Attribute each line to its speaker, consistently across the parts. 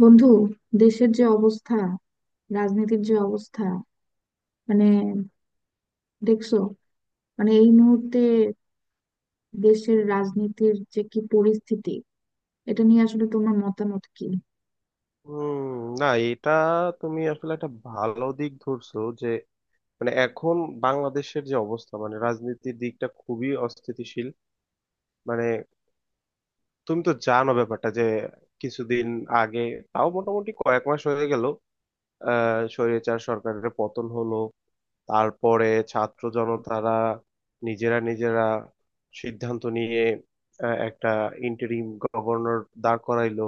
Speaker 1: বন্ধু, দেশের যে অবস্থা, রাজনীতির যে অবস্থা, মানে দেখছো, মানে এই মুহূর্তে দেশের রাজনীতির যে কি পরিস্থিতি, এটা নিয়ে আসলে তোমার মতামত কি?
Speaker 2: হুম। না, এটা তুমি আসলে একটা ভালো দিক ধরছো যে মানে এখন বাংলাদেশের যে অবস্থা, মানে রাজনীতির দিকটা খুবই অস্থিতিশীল। মানে তুমি তো জানো ব্যাপারটা যে কিছুদিন আগে, তাও মোটামুটি কয়েক মাস হয়ে গেল, স্বৈরাচার সরকারের পতন হলো। তারপরে ছাত্র জনতারা নিজেরা নিজেরা সিদ্ধান্ত নিয়ে একটা ইন্টারিম গভর্নর দাঁড় করাইলো।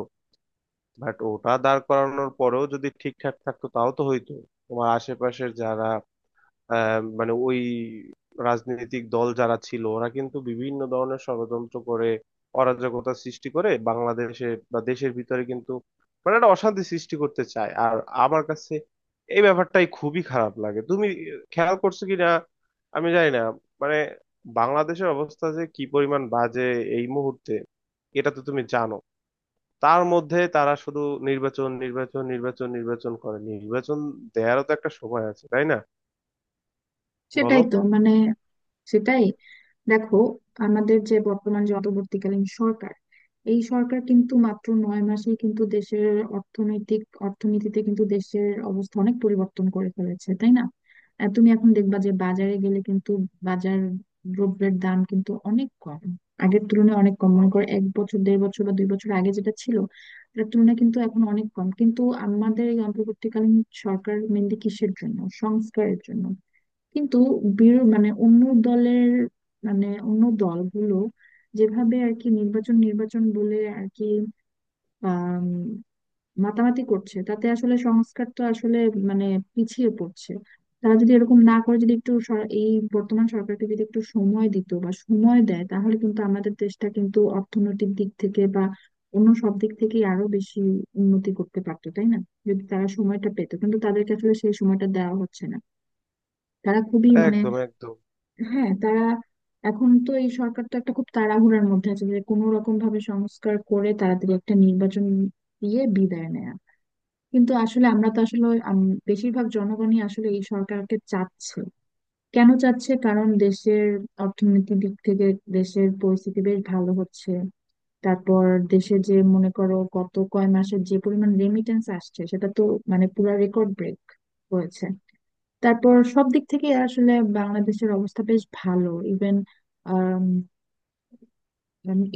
Speaker 2: বাট ওটা দাঁড় করানোর পরেও যদি ঠিকঠাক থাকতো তাও তো হইতো। তোমার আশেপাশের যারা মানে ওই রাজনৈতিক দল যারা ছিল, ওরা কিন্তু বিভিন্ন ধরনের ষড়যন্ত্র করে অরাজকতা সৃষ্টি করে বাংলাদেশে বা দেশের ভিতরে, কিন্তু মানে একটা অশান্তি সৃষ্টি করতে চায়। আর আমার কাছে এই ব্যাপারটাই খুবই খারাপ লাগে। তুমি খেয়াল করছো কি না আমি জানি না, মানে বাংলাদেশের অবস্থা যে কি পরিমাণ বাজে এই মুহূর্তে, এটা তো তুমি জানো। তার মধ্যে তারা শুধু নির্বাচন নির্বাচন নির্বাচন নির্বাচন করে, নির্বাচন দেয়ারও তো একটা সময় আছে, তাই না?
Speaker 1: সেটাই
Speaker 2: বলো।
Speaker 1: তো মানে সেটাই দেখো, আমাদের যে বর্তমান যে অন্তর্বর্তীকালীন সরকার, এই সরকার কিন্তু মাত্র 9 মাসেই কিন্তু দেশের অর্থনীতিতে কিন্তু দেশের অবস্থা অনেক পরিবর্তন করে ফেলেছে, তাই না? তুমি এখন দেখবা যে বাজারে গেলে কিন্তু, বাজার দ্রব্যের দাম কিন্তু অনেক কম, আগের তুলনায় অনেক কম।
Speaker 2: হুম।
Speaker 1: মনে করো এক বছর, 1.5 বছর বা 2 বছর আগে যেটা ছিল, তার তুলনায় কিন্তু এখন অনেক কম। কিন্তু আমাদের এই অন্তর্বর্তীকালীন সরকার মেনলি কিসের জন্য? সংস্কারের জন্য। কিন্তু মানে অন্য দলের, মানে অন্য দলগুলো যেভাবে আর কি নির্বাচন নির্বাচন বলে আর কি আম, মাতামাতি করছে, তাতে আসলে সংস্কার তো আসলে মানে পিছিয়ে পড়ছে। তারা যদি এরকম না করে, যদি একটু এই বর্তমান সরকারকে যদি একটু সময় দিত বা সময় দেয়, তাহলে কিন্তু আমাদের দেশটা কিন্তু অর্থনৈতিক দিক থেকে বা অন্য সব দিক থেকেই আরো বেশি উন্নতি করতে পারতো, তাই না? যদি তারা সময়টা পেতো, কিন্তু তাদেরকে আসলে সেই সময়টা দেওয়া হচ্ছে না। তারা খুবই মানে,
Speaker 2: একদম, একদম।
Speaker 1: হ্যাঁ তারা এখন তো, এই সরকার তো একটা খুব তাড়াহুড়ার মধ্যে আছে যে কোনো রকম ভাবে সংস্কার করে তাড়াতাড়ি একটা নির্বাচন দিয়ে বিদায় নেয়া। কিন্তু আসলে আমরা তো আসলে বেশিরভাগ জনগণই আসলে এই সরকারকে চাচ্ছে। কেন চাচ্ছে? কারণ দেশের অর্থনৈতিক দিক থেকে দেশের পরিস্থিতি বেশ ভালো হচ্ছে। তারপর দেশে যে মনে করো গত কয় মাসের যে পরিমাণ রেমিটেন্স আসছে, সেটা তো মানে পুরা রেকর্ড ব্রেক হয়েছে। তারপর সব দিক থেকে আসলে বাংলাদেশের অবস্থা বেশ ভালো। ইভেন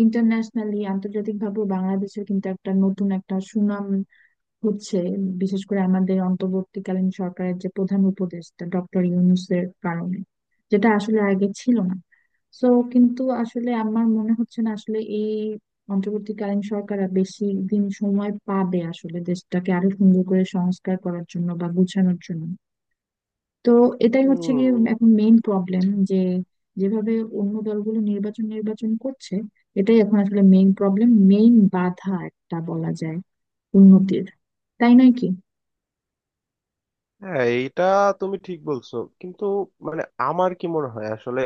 Speaker 1: ইন্টারন্যাশনালি, আন্তর্জাতিক ভাবে বাংলাদেশের কিন্তু একটা নতুন একটা সুনাম হচ্ছে, বিশেষ করে আমাদের অন্তর্বর্তীকালীন সরকারের যে প্রধান উপদেষ্টা ডক্টর ইউনূসের কারণে, যেটা আসলে আগে ছিল না। সো, কিন্তু আসলে আমার মনে হচ্ছে না আসলে এই অন্তর্বর্তীকালীন সরকার আর বেশি দিন সময় পাবে আসলে দেশটাকে আরো সুন্দর করে সংস্কার করার জন্য বা গুছানোর জন্য। তো, এটাই হচ্ছে
Speaker 2: হম।
Speaker 1: গিয়ে এখন মেইন প্রবলেম, যে যেভাবে অন্য দলগুলো নির্বাচন নির্বাচন করছে, এটাই এখন আসলে মেইন প্রবলেম, মেইন বাধা একটা বলা যায় উন্নতির, তাই নয় কি?
Speaker 2: হ্যাঁ, এইটা তুমি ঠিক বলছো, কিন্তু মানে আমার কি মনে হয় আসলে,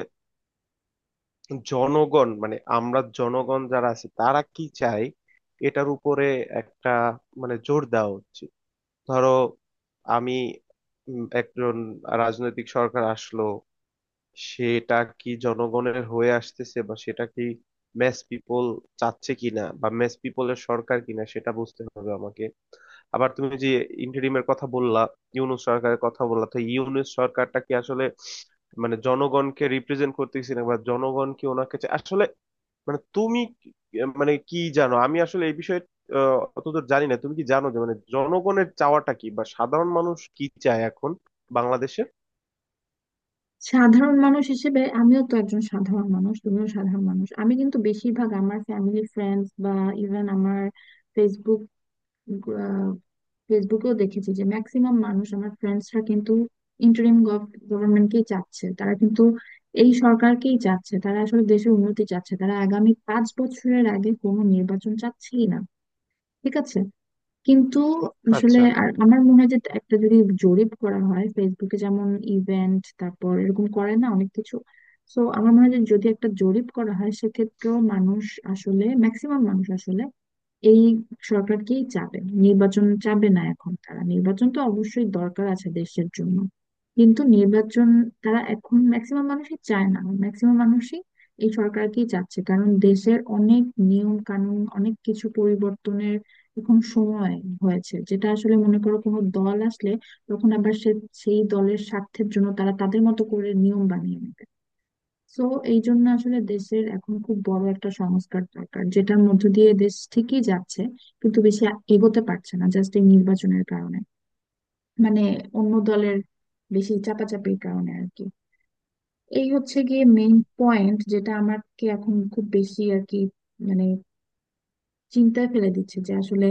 Speaker 2: জনগণ মানে আমরা জনগণ যারা আছি তারা কি চাই এটার উপরে একটা মানে জোর দেওয়া উচিত। ধরো আমি একজন রাজনৈতিক সরকার আসলো, সেটা কি জনগণের হয়ে আসতেছে বা সেটা কি ম্যাস পিপল চাচ্ছে কিনা বা ম্যাস পিপলের সরকার কিনা সেটা বুঝতে হবে আমাকে। আবার তুমি যে ইন্টারিমের কথা বললা, ইউনূস সরকারের কথা বললা, তো ইউনূস সরকারটা কি আসলে মানে জনগণকে রিপ্রেজেন্ট করতেছে না বা জনগণ কি ওনাকে আসলে মানে মানে কি জানো, আমি আসলে এই বিষয়ে অতদূর জানি না। তুমি কি জানো যে মানে জনগণের চাওয়াটা কি বা সাধারণ মানুষ কি চায় এখন বাংলাদেশে?
Speaker 1: সাধারণ মানুষ হিসেবে, আমিও তো একজন সাধারণ মানুষ, তুমিও সাধারণ মানুষ। আমি কিন্তু বেশিরভাগ আমার ফ্যামিলি ফ্রেন্ডস বা ইভেন আমার ফেসবুক ফেসবুকেও দেখেছি যে ম্যাক্সিমাম মানুষ, আমার ফ্রেন্ডসরা কিন্তু ইন্টারিম গভর্নমেন্টকেই চাচ্ছে। তারা কিন্তু এই সরকারকেই চাচ্ছে, তারা আসলে দেশের উন্নতি চাচ্ছে, তারা আগামী 5 বছরের আগে কোনো নির্বাচন চাচ্ছেই না। ঠিক আছে, কিন্তু আসলে
Speaker 2: আচ্ছা।
Speaker 1: আর আমার মনে হয় যে একটা যদি জরিপ করা হয় ফেসবুকে, যেমন ইভেন্ট তারপর এরকম করে না অনেক কিছু। তো আমার মনে হয় যে যদি একটা জরিপ করা হয় সেক্ষেত্রেও মানুষ, আসলে ম্যাক্সিমাম মানুষ আসলে এই সরকারকেই চাবে, নির্বাচন চাবে না এখন তারা। নির্বাচন তো অবশ্যই দরকার আছে দেশের জন্য, কিন্তু নির্বাচন তারা এখন ম্যাক্সিমাম মানুষই চায় না। ম্যাক্সিমাম মানুষই এই সরকারকেই চাচ্ছে, কারণ দেশের অনেক নিয়ম কানুন, অনেক কিছু পরিবর্তনের এখন সময় হয়েছে, যেটা আসলে মনে করো কোনো দল আসলে, তখন আবার সেই দলের স্বার্থের জন্য তারা তাদের মতো করে নিয়ম বানিয়ে নেয়। সো, এই জন্য আসলে দেশের এখন খুব বড় একটা সংস্কার দরকার, যেটার মধ্য দিয়ে দেশ ঠিকই যাচ্ছে কিন্তু বেশি এগোতে পারছে না জাস্ট এই নির্বাচনের কারণে, মানে অন্য দলের বেশি চাপাচাপির কারণে আর কি। এই হচ্ছে গিয়ে মেইন পয়েন্ট, যেটা আমাকে এখন খুব বেশি আর কি মানে চিন্তায় ফেলে দিচ্ছে, যে আসলে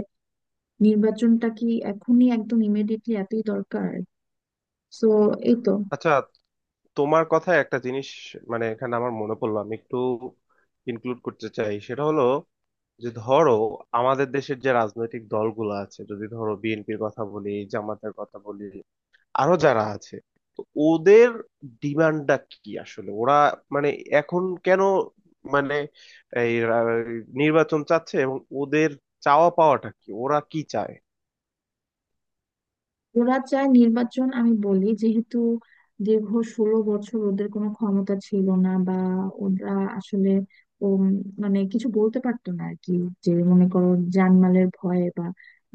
Speaker 1: নির্বাচনটা কি এখনই একদম ইমিডিয়েটলি এতই দরকার? সো এই তো।
Speaker 2: আচ্ছা, তোমার কথায় একটা জিনিস মানে এখানে আমার মনে পড়লো, আমি একটু ইনক্লুড করতে চাই। সেটা হলো যে ধরো আমাদের দেশের যে রাজনৈতিক দলগুলো আছে, যদি ধরো বিএনপির কথা বলি, জামাতের কথা বলি, আরো যারা আছে, তো ওদের ডিমান্ডটা কি আসলে? ওরা মানে এখন কেন মানে এই রা- নির্বাচন চাচ্ছে, এবং ওদের চাওয়া পাওয়াটা কি, ওরা কি চায়?
Speaker 1: ওরা চায় নির্বাচন, আমি বলি যেহেতু দীর্ঘ 16 বছর ওদের কোনো ক্ষমতা ছিল না বা ওরা আসলে উম, মানে কিছু বলতে পারতো না আর কি। যে মনে করো জানমালের ভয়ে বা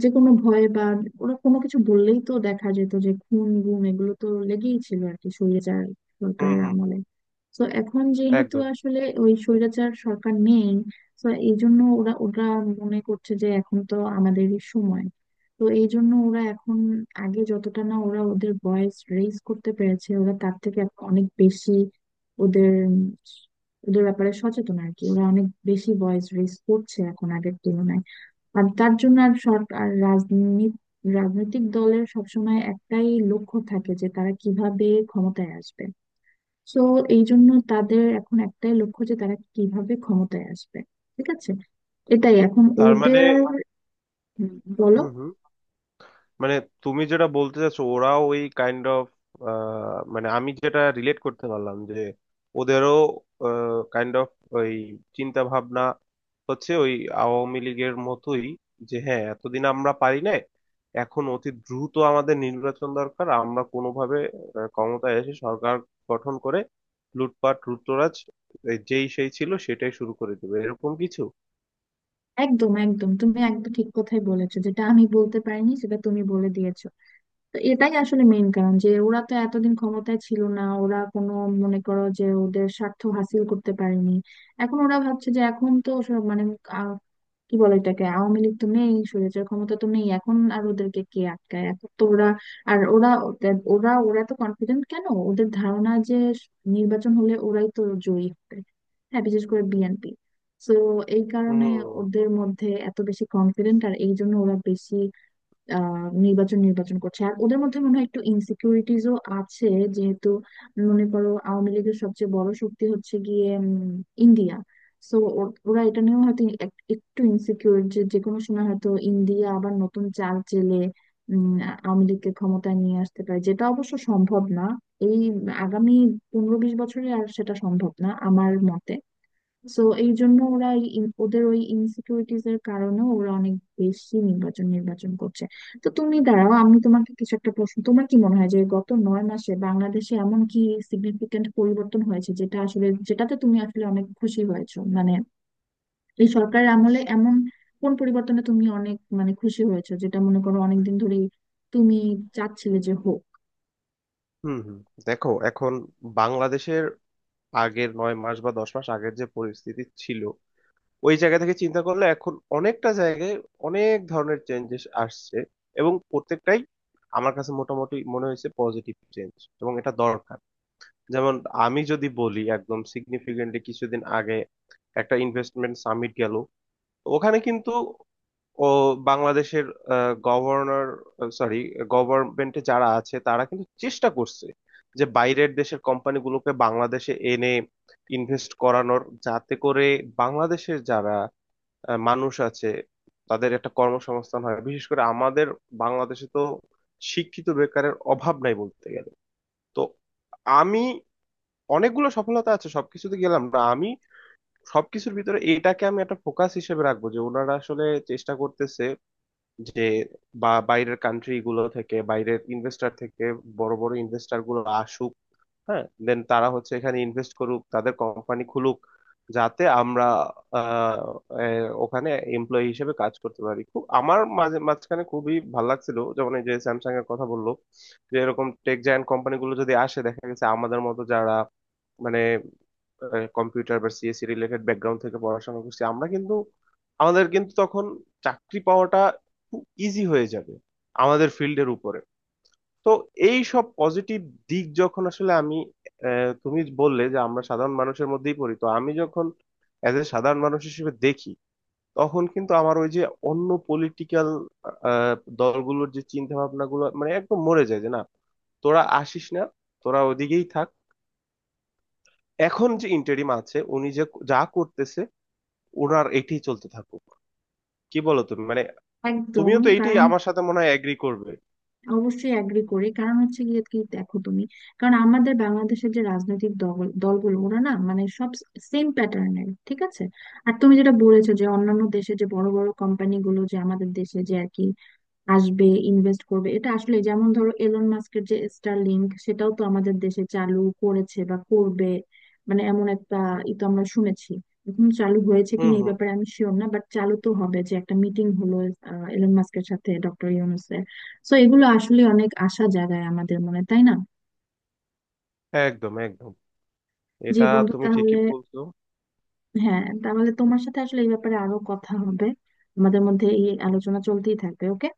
Speaker 1: যে কোনো ভয়ে বা, ওরা কোনো কিছু বললেই তো দেখা যেত যে খুন গুম এগুলো তো লেগেই ছিল আর কি স্বৈরাচার
Speaker 2: হুম,
Speaker 1: সরকারের
Speaker 2: হুম।
Speaker 1: আমলে। তো এখন যেহেতু
Speaker 2: একদম।
Speaker 1: আসলে ওই স্বৈরাচার সরকার নেই, তো এই জন্য ওরা ওরা মনে করছে যে এখন তো আমাদেরই সময়। তো এই জন্য ওরা এখন, আগে যতটা না ওরা ওদের ভয়েস রেইজ করতে পেরেছে, ওরা তার থেকে এখন অনেক বেশি ওদের ওদের ব্যাপারে সচেতন আর কি, ওরা অনেক বেশি ভয়েস রেইজ করছে এখন আগের তুলনায়। আর তার জন্য আর সরকার আর রাজনৈতিক দলের সবসময় একটাই লক্ষ্য থাকে, যে তারা কিভাবে ক্ষমতায় আসবে। সো এই জন্য তাদের এখন একটাই লক্ষ্য যে তারা কিভাবে ক্ষমতায় আসবে। ঠিক আছে, এটাই এখন
Speaker 2: তার মানে,
Speaker 1: ওদের। হুম, বলো।
Speaker 2: হুম, হুম, মানে তুমি যেটা বলতে চাচ্ছ ওরাও ওই কাইন্ড অফ, মানে আমি যেটা রিলেট করতে পারলাম যে ওদেরও কাইন্ড অফ ওই চিন্তা ভাবনা হচ্ছে ওই আওয়ামী লীগের মতোই, যে হ্যাঁ, এতদিন আমরা পারি নাই, এখন অতি দ্রুত আমাদের নির্বাচন দরকার, আমরা কোনোভাবে ক্ষমতায় এসে সরকার গঠন করে লুটপাট লুটতরাজ এই যেই সেই ছিল সেটাই শুরু করে দেবে, এরকম কিছু।
Speaker 1: একদম, একদম, তুমি একদম ঠিক কথাই বলেছো, যেটা আমি বলতে পারিনি সেটা তুমি বলে দিয়েছো। তো এটাই আসলে মেইন কারণ, যে ওরা তো এতদিন ক্ষমতায় ছিল না, ওরা কোনো, মনে করো যে ওদের স্বার্থ হাসিল করতে পারেনি। এখন ওরা ভাবছে যে এখন তো সব মানে, কি বলে এটাকে, আওয়ামী লীগ তো নেই, স্বৈরাচার ক্ষমতা তো নেই, এখন আর ওদেরকে কে আটকায়, এখন তো ওরা আর ওরা তো কনফিডেন্ট। কেন? ওদের ধারণা যে নির্বাচন হলে ওরাই তো জয়ী হবে, হ্যাঁ বিশেষ করে বিএনপি। তো এই কারণে
Speaker 2: হুম,
Speaker 1: ওদের মধ্যে এত বেশি কনফিডেন্ট, আর এই জন্য ওরা বেশি নির্বাচন নির্বাচন করছে। আর ওদের মধ্যে মনে হয় একটু ইনসিকিউরিটিজও আছে, যেহেতু মনে করো আওয়ামী লীগের সবচেয়ে বড় শক্তি হচ্ছে গিয়ে ইন্ডিয়া। সো, ওরা এটা নিয়েও হয়তো একটু ইনসিকিউর, যে যে কোনো সময় হয়তো ইন্ডিয়া আবার নতুন চাল চেলে উম, আওয়ামী লীগকে ক্ষমতায় নিয়ে আসতে পারে, যেটা অবশ্য সম্ভব না। এই আগামী 15-20 বছরে আর সেটা সম্ভব না আমার মতে। সো এই জন্য ওরা এই ওদের ওই ইনসিকিউরিটিজ এর কারণে ওরা অনেক বেশি নির্বাচন নির্বাচন করছে। তো তুমি দাঁড়াও, আমি তোমাকে কিছু একটা প্রশ্ন। তোমার কি মনে হয় যে গত 9 মাসে বাংলাদেশে এমন কি সিগনিফিকেন্ট পরিবর্তন হয়েছে, যেটা আসলে, যেটাতে তুমি আসলে অনেক খুশি হয়েছো, মানে এই সরকারের আমলে এমন কোন পরিবর্তনে তুমি অনেক মানে খুশি হয়েছো, যেটা মনে করো অনেকদিন ধরেই তুমি চাচ্ছিলে যে হোক?
Speaker 2: হুম। হুম। দেখো, এখন বাংলাদেশের আগের 9 মাস বা 10 মাস আগের যে পরিস্থিতি ছিল ওই জায়গা থেকে চিন্তা করলে এখন অনেকটা জায়গায় অনেক ধরনের চেঞ্জেস আসছে, এবং প্রত্যেকটাই আমার কাছে মোটামুটি মনে হয়েছে পজিটিভ চেঞ্জ, এবং এটা দরকার। যেমন আমি যদি বলি একদম সিগনিফিকেন্টলি, কিছুদিন আগে একটা ইনভেস্টমেন্ট সামিট গেল। ওখানে কিন্তু ও বাংলাদেশের গভর্নর, সরি, গভর্নমেন্টে যারা আছে তারা কিন্তু চেষ্টা করছে যে বাইরের দেশের কোম্পানিগুলোকে বাংলাদেশে এনে ইনভেস্ট করানোর, যাতে করে বাংলাদেশের যারা মানুষ আছে তাদের একটা কর্মসংস্থান হয়। বিশেষ করে আমাদের বাংলাদেশে তো শিক্ষিত বেকারের অভাব নাই বলতে গেলে। তো আমি, অনেকগুলো সফলতা আছে, সবকিছুতে গেলাম না আমি, সবকিছুর ভিতরে এটাকে আমি একটা ফোকাস হিসেবে রাখবো যে ওনারা আসলে চেষ্টা করতেছে যে বা বাইরের কান্ট্রি গুলো থেকে, বাইরের ইনভেস্টর থেকে বড় বড় ইনভেস্টর গুলো আসুক। হ্যাঁ, দেন তারা হচ্ছে এখানে ইনভেস্ট করুক, তাদের কোম্পানি খুলুক, যাতে আমরা আহ, ওখানে এমপ্লয়ি হিসেবে কাজ করতে পারি। খুব আমার মাঝে মাঝখানে খুবই ভালো লাগছিল, যেমন এই যে স্যামসাং এর কথা বললো, যে এরকম টেক জায়ান্ট কোম্পানি গুলো যদি আসে দেখা গেছে আমাদের মতো যারা মানে কম্পিউটার বা সিএসসি রিলেটেড ব্যাকগ্রাউন্ড থেকে পড়াশোনা করছি আমরা, কিন্তু আমাদের কিন্তু তখন চাকরি পাওয়াটা খুব ইজি হয়ে যাবে আমাদের ফিল্ডের উপরে। তো এই সব পজিটিভ দিক যখন আসলে আমি, তুমি বললে যে আমরা সাধারণ মানুষের মধ্যেই পড়ি, তো আমি যখন এজ এ সাধারণ মানুষ হিসেবে দেখি, তখন কিন্তু আমার ওই যে অন্য পলিটিক্যাল দলগুলোর যে চিন্তা ভাবনা গুলো মানে একদম মরে যায়, যে না, তোরা আসিস না, তোরা ওদিকেই থাক, এখন যে ইন্টারিম আছে উনি যে যা করতেছে ওনার এটাই চলতে থাকুক। কি বলো তুমি, মানে
Speaker 1: একদম।
Speaker 2: তুমিও তো এইটাই
Speaker 1: কারণ
Speaker 2: আমার সাথে মনে হয় এগ্রি করবে।
Speaker 1: অবশ্যই অ্যাগ্রি করি, কারণ হচ্ছে গিয়ে কি, দেখো তুমি, কারণ আমাদের বাংলাদেশের যে রাজনৈতিক দলগুলো ওরা না মানে সব সেম প্যাটার্নের, ঠিক আছে? আর তুমি যেটা বলেছো যে অন্যান্য দেশে যে বড় বড় কোম্পানিগুলো যে আমাদের দেশে যে আর কি আসবে, ইনভেস্ট করবে, এটা আসলে যেমন ধরো এলন মাস্কের যে স্টারলিংক সেটাও তো আমাদের দেশে চালু করেছে বা করবে, মানে এমন একটা ই তো আমরা শুনেছি। এখন চালু হয়েছে
Speaker 2: হুম,
Speaker 1: কিনা এই
Speaker 2: হুম।
Speaker 1: ব্যাপারে আমি শিওর না, বাট চালু তো হবে, যে একটা মিটিং হলো এলন মাস্কের সাথে ডক্টর ইউনুসের। সো এগুলো আসলে অনেক আশা জাগায় আমাদের মনে, তাই না?
Speaker 2: একদম, একদম।
Speaker 1: জি
Speaker 2: এটা
Speaker 1: বন্ধু,
Speaker 2: তুমি ঠিকই
Speaker 1: তাহলে,
Speaker 2: বলছো।
Speaker 1: হ্যাঁ তাহলে তোমার সাথে আসলে এই ব্যাপারে আরো কথা হবে, আমাদের মধ্যে এই আলোচনা চলতেই থাকবে। ওকে।